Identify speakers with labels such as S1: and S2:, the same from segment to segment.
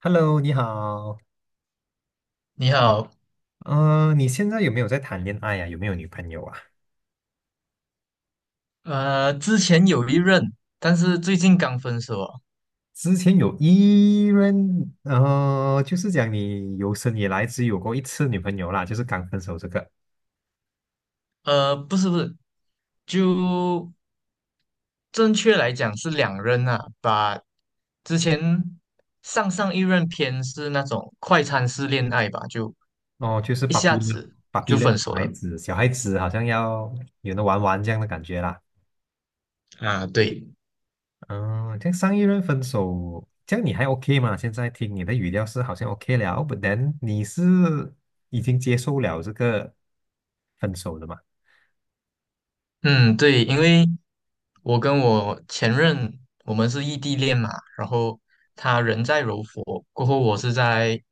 S1: Hello，你好。
S2: 你好，
S1: 你现在有没有在谈恋爱呀、有没有女朋友啊？
S2: 之前有一任，但是最近刚分手哦。
S1: 之前有一任，就是讲你有生以来只有过一次女朋友啦，就是刚分手这个。
S2: 不是不是，就正确来讲是两任啊。把之前上上一任偏是那种快餐式恋爱吧，就
S1: 哦，就是
S2: 一
S1: 芭
S2: 下
S1: 比了，
S2: 子
S1: 芭比
S2: 就
S1: 了，
S2: 分
S1: 小
S2: 手
S1: 孩
S2: 了
S1: 子，小孩子好像要有的玩玩这样的感觉啦。
S2: 啊。对，
S1: 嗯、这样上一任分手，这样你还 OK 吗？现在听你的语调是好像 OK 了，but then 你是已经接受了这个分手的嘛？
S2: 嗯，对，因为我跟我前任我们是异地恋嘛，然后他人在柔佛，过后我是在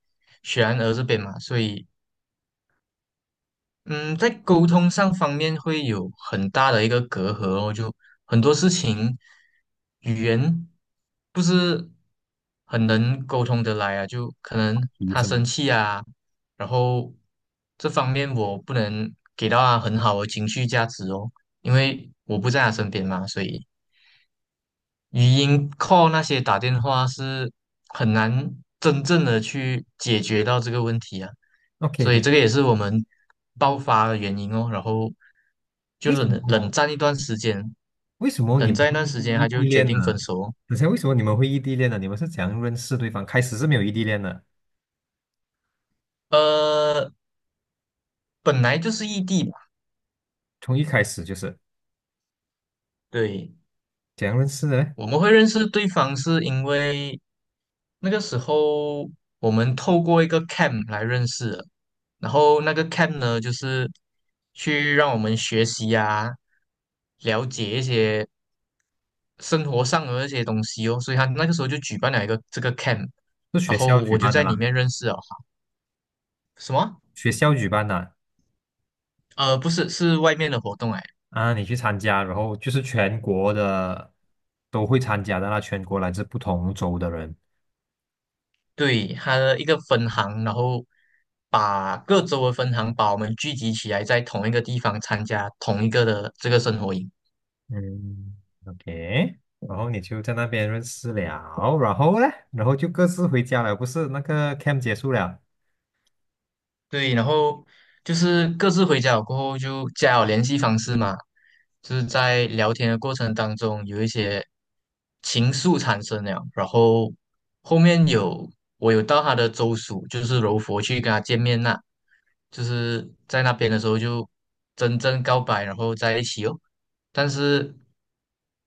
S2: 雪兰莪这边嘛，所以。嗯，在沟通上方面会有很大的一个隔阂哦，就很多事情语言不是很能沟通得来啊，就可能
S1: 提
S2: 他
S1: 是吗
S2: 生气啊，然后这方面我不能给到他很好的情绪价值哦，因为我不在他身边嘛，所以语音 call 那些打电话是很难真正的去解决到这个问题啊，
S1: ？OK
S2: 所以
S1: 的，
S2: 这个也是我们爆
S1: 嗯
S2: 发的原因哦。然后就
S1: 为什
S2: 冷冷
S1: 么？
S2: 战一段时间，
S1: 为什么你
S2: 冷
S1: 们
S2: 战一
S1: 会
S2: 段时间，
S1: 异
S2: 他就
S1: 地
S2: 决
S1: 恋
S2: 定分
S1: 呢？
S2: 手哦。
S1: 等下，为什么你们会异地恋呢？你们是怎样认识对方？开始是没有异地恋的，
S2: 呃，本来就是异地吧，
S1: 从一开始就是
S2: 对，
S1: 怎样认识的嘞？
S2: 我们会认识对方是因为那个时候我们透过一个 camp 来认识的，然后那个 camp 呢，就是去让我们学习啊，了解一些生活上的一些东西哦。所以他那个时候就举办了一个这个 camp,
S1: 是
S2: 然
S1: 学
S2: 后
S1: 校举
S2: 我就
S1: 办的
S2: 在里
S1: 啦，
S2: 面认识了哈。什么？
S1: 学校举办的
S2: 不是，是外面的活动哎。
S1: 啊，你去参加，然后就是全国的都会参加的啦，全国来自不同州的人。
S2: 对，他的一个分行，然后把各州的分行把我们聚集起来，在同一个地方参加同一个的这个生活营。
S1: 嗯，OK,然后你就在那边认识了，然后嘞，然后就各自回家了，不是那个 camp 结束了。
S2: 对，然后就是各自回家了过后就加了联系方式嘛，就是在聊天的过程当中有一些情愫产生了，然后后面有我有到他的州属，就是柔佛去跟他见面啦，就是在那边的时候就真正告白，然后在一起哦，但是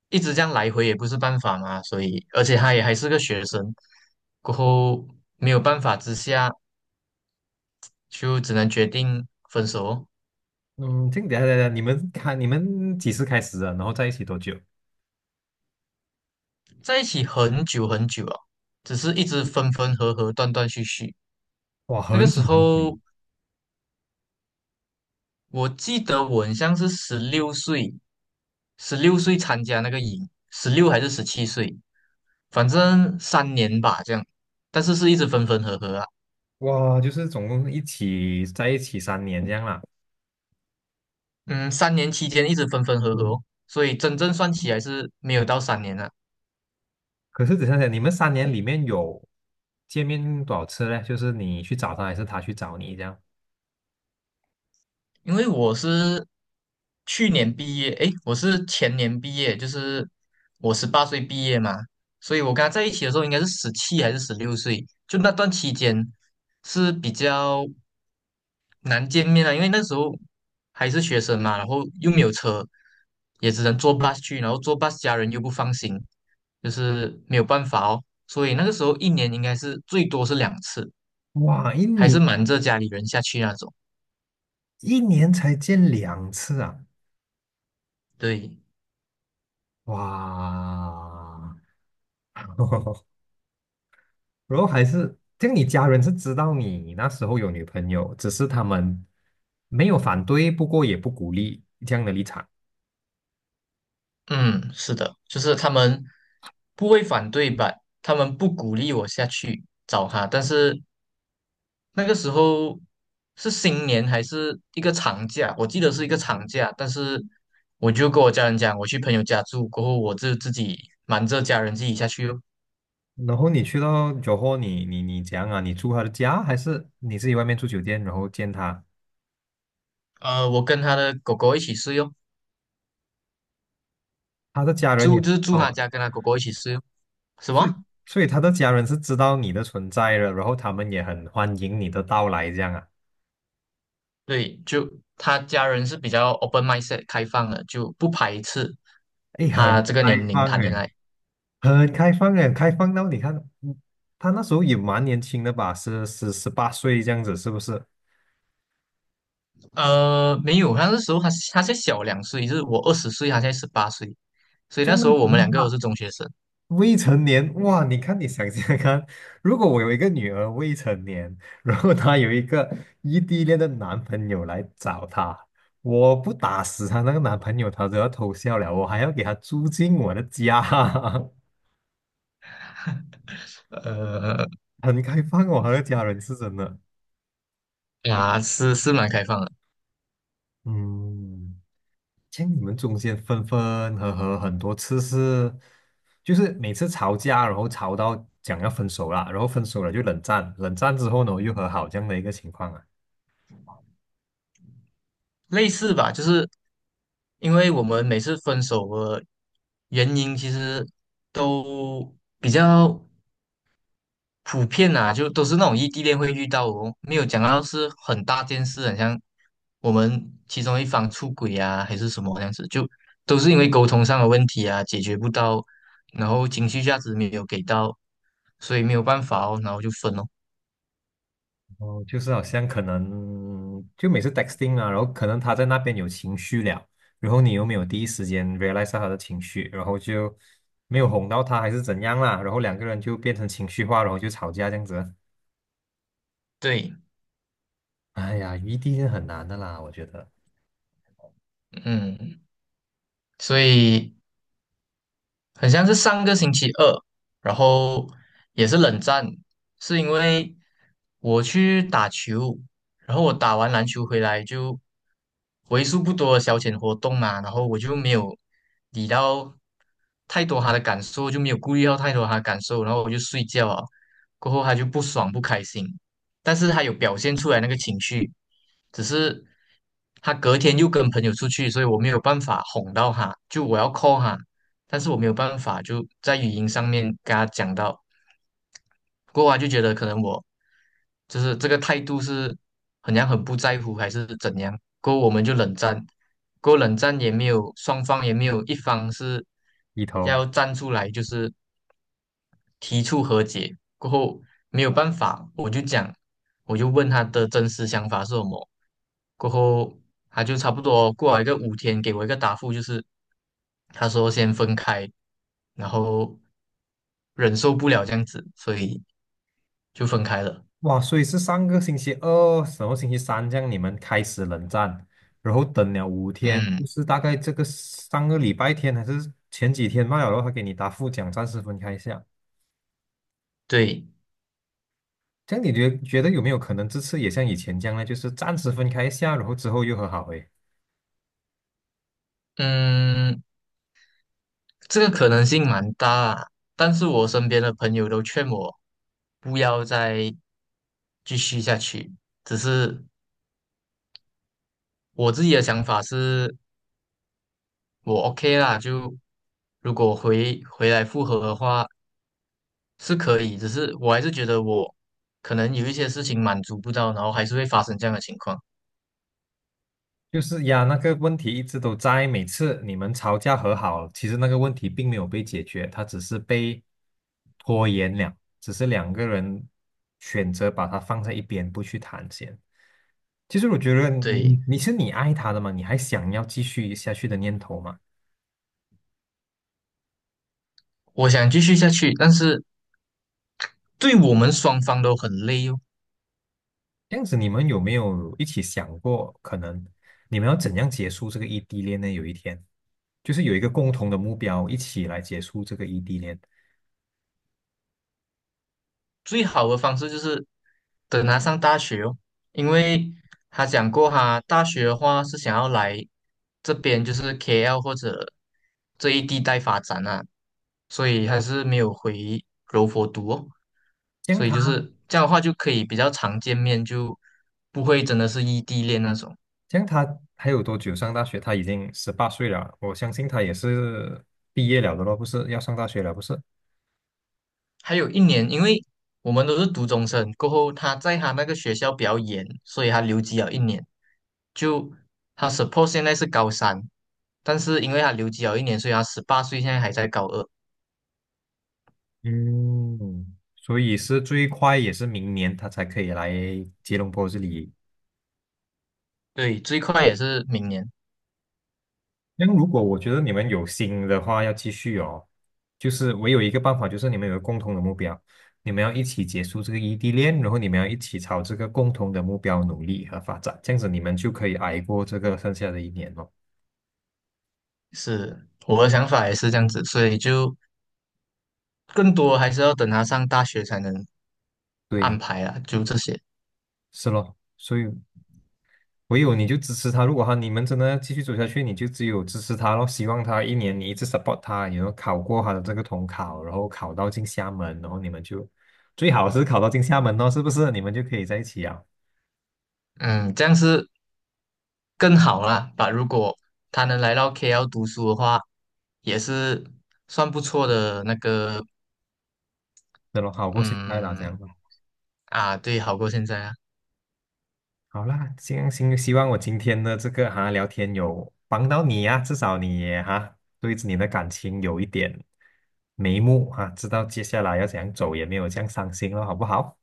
S2: 一直这样来回也不是办法嘛，所以而且他也还是个学生，过后没有办法之下。就只能决定分手哦，
S1: 嗯，这个等一下等一下，你们几时开始的？然后在一起多久？
S2: 在一起很久很久了，只是一直分分合合，断断续续。
S1: 哇，
S2: 那个
S1: 很
S2: 时
S1: 久很久，
S2: 候，我记得我很像是十六岁，十六岁参加那个营，16还是17岁，反正三年吧这样，但是是一直分分合合啊。
S1: 哇，就是总共在一起三年这样啦。
S2: 嗯，3年期间一直分分合合哦，所以真正算起来是没有到三年啊。
S1: 可是只想想你们三年里面有见面多少次嘞？就是你去找他，还是他去找你这样？
S2: 因为我是去年毕业，诶，我是前年毕业，就是我十八岁毕业嘛，所以我跟他在一起的时候应该是17还是16岁，就那段期间是比较难见面的，因为那时候还是学生嘛，然后又没有车，也只能坐 bus 去，然后坐 bus 家人又不放心，就是没有办法哦，所以那个时候一年应该是最多是两次，
S1: 哇，一
S2: 还是
S1: 年
S2: 瞒着家里人下去那种，
S1: 一年才见2次啊！
S2: 对。
S1: 哇，然后还是，这样你家人是知道你那时候有女朋友，只是他们没有反对，不过也不鼓励这样的立场。
S2: 嗯，是的，就是他们不会反对吧？他们不鼓励我下去找他，但是那个时候是新年还是一个长假，我记得是一个长假，但是我就跟我家人讲，我去朋友家住，过后我就自己瞒着家人自己下去哦。
S1: 然后你去到酒后，你怎样啊？你住他的家，还是你自己外面住酒店，然后见他？
S2: 我跟他的狗狗一起睡哦，
S1: 他的家人也
S2: 住
S1: 知
S2: 就是住
S1: 道
S2: 他
S1: 啊，
S2: 家，跟他狗狗一起睡哦。什
S1: 所以
S2: 么？
S1: 所以他的家人是知道你的存在的，然后他们也很欢迎你的到来，这样啊？
S2: 对，就他家人是比较 open mindset 开放的，就不排斥
S1: 哎，很
S2: 他这个年
S1: 开
S2: 龄
S1: 放
S2: 谈
S1: 哎，
S2: 恋爱。
S1: 很开放哎，开放到你看，嗯他那时候也蛮年轻的吧，是十八岁这样子，是不是？
S2: 没有，他那时候他才小2岁，就是我20岁，他才十八岁，所以
S1: 这
S2: 那
S1: 样
S2: 时
S1: 的
S2: 候
S1: 时
S2: 我们
S1: 候
S2: 两个都是
S1: 他。
S2: 中学生。
S1: 未成年，哇！你看，你想想看，如果我有一个女儿未成年，然后她有一个异地恋的男朋友来找她，我不打死她那个男朋友，她都要偷笑了。我还要给她租进我的家，
S2: 呃，
S1: 很开放哦，她的家人是真的。
S2: 啊，是蛮开放的，
S1: 嗯，像你们中间分分合合很多次是，就是每次吵架，然后吵到讲要分手了，然后分手了就冷战，冷战之后呢又和好这样的一个情况啊。
S2: 类似吧，就是因为我们每次分手的原因其实都比较，普遍啊，就都是那种异地恋会遇到哦，没有讲到是很大件事，很像我们其中一方出轨啊，还是什么这样子，就都是因为沟通上的问题啊，解决不到，然后情绪价值没有给到，所以没有办法哦，然后就分哦。
S1: 哦，就是好像可能就每次 texting 啊，然后可能他在那边有情绪了，然后你又没有第一时间 realize 到他的情绪，然后就没有哄到他还是怎样啦，然后两个人就变成情绪化，然后就吵架这样子。
S2: 对，
S1: 哎呀，异地是很难的啦，我觉得
S2: 嗯，所以很像是上个星期二，然后也是冷战，是因为我去打球，然后我打完篮球回来就为数不多的消遣活动嘛，然后我就没有理到太多他的感受，就没有顾虑到太多他的感受，然后我就睡觉啊，过后他就不爽不开心，但是他有表现出来那个情绪，只是他隔天又跟朋友出去，所以我没有办法哄到他，就我要 call 他。但是我没有办法就在语音上面跟他讲到，过后他就觉得可能我就是这个态度是很像很不在乎还是怎样，过后我们就冷战，过后冷战也没有双方也没有一方是
S1: 一头
S2: 要站出来就是提出和解过后没有办法，我就讲，我就问他的真实想法是什么。过后他就差不多过了一个5天，给我一个答复，就是他说先分开，然后忍受不了这样子，所以就分开了。
S1: 哇，所以是上个星期二，什么星期三这样你们开始冷战，然后等了5天，就
S2: 嗯，
S1: 是大概这个上个礼拜天还是前几天罢了，然后他给你答复讲暂时分开一下。
S2: 对，
S1: 这样你觉得有没有可能这次也像以前这样呢？就是暂时分开一下，然后之后又和好？诶，
S2: 嗯，这个可能性蛮大啊，但是我身边的朋友都劝我不要再继续下去，只是我自己的想法是，我 OK 啦，就如果回来复合的话是可以，只是我还是觉得我可能有一些事情满足不到，然后还是会发生这样的情况。
S1: 就是呀，那个问题一直都在，每次你们吵架和好，其实那个问题并没有被解决，它只是被拖延了，只是两个人选择把它放在一边不去谈先。其实我觉得你
S2: 对，
S1: 你是你爱他的嘛，你还想要继续下去的念头嘛？
S2: 我想继续下去，但是对我们双方都很累哦。
S1: 这样子，你们有没有一起想过，可能你们要怎样结束这个异地恋呢？有一天，就是有一个共同的目标，一起来结束这个异地恋。
S2: 最好的方式就是等他上大学哦，因为他讲过哈，大学的话是想要来这边，就是 KL 或者这一地带发展啊，所以还是没有回柔佛读哦，
S1: 这
S2: 所以
S1: 他，
S2: 就是这样的话就可以比较常见面，就不会真的是异地恋那种。
S1: 这他还有多久上大学？他已经十八岁了，我相信他也是毕业了的咯，不是要上大学了，不是？
S2: 还有一年，因为我们都是读中生，过后他在他那个学校比较严，所以他留级了一年。就他 suppose 现在是高三，但是因为他留级了一年，所以他十八岁现在还在高二。
S1: 嗯，所以是最快也是明年他才可以来吉隆坡这里。
S2: 对，最快也是明年。
S1: 那如果我觉得你们有心的话，要继续哦，就是我有一个办法，就是你们有个共同的目标，你们要一起结束这个异地恋，然后你们要一起朝这个共同的目标努力和发展，这样子你们就可以挨过这个剩下的一年哦。
S2: 是我的想法也是这样子，所以就更多还是要等他上大学才能安
S1: 对，
S2: 排啊，就这些。
S1: 是咯，所以唯有你就支持他，如果你们真的要继续走下去，你就只有支持他咯，希望他一年你一直 support 他，然后考过他的这个统考，然后考到进厦门，然后你们就最好是考到进厦门哦，是不是？你们就可以在一起啊。
S2: 嗯，这样是更好啦。把如果他能来到 KL 读书的话，也是算不错的那个，
S1: 那么好过现在啦，这样
S2: 嗯，
S1: 子。
S2: 啊，对，好过现在啊，
S1: 好啦，行行，希望我今天的这个聊天有帮到你呀、至少你也对你的感情有一点眉目啊，知道接下来要怎样走，也没有这样伤心了，好不好？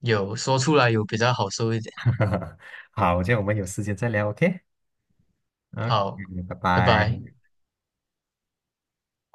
S2: 有说出来有比较好受一点。
S1: 好，这样我们有时间再聊，OK？OK,
S2: 好，
S1: 拜
S2: 拜拜。
S1: 拜。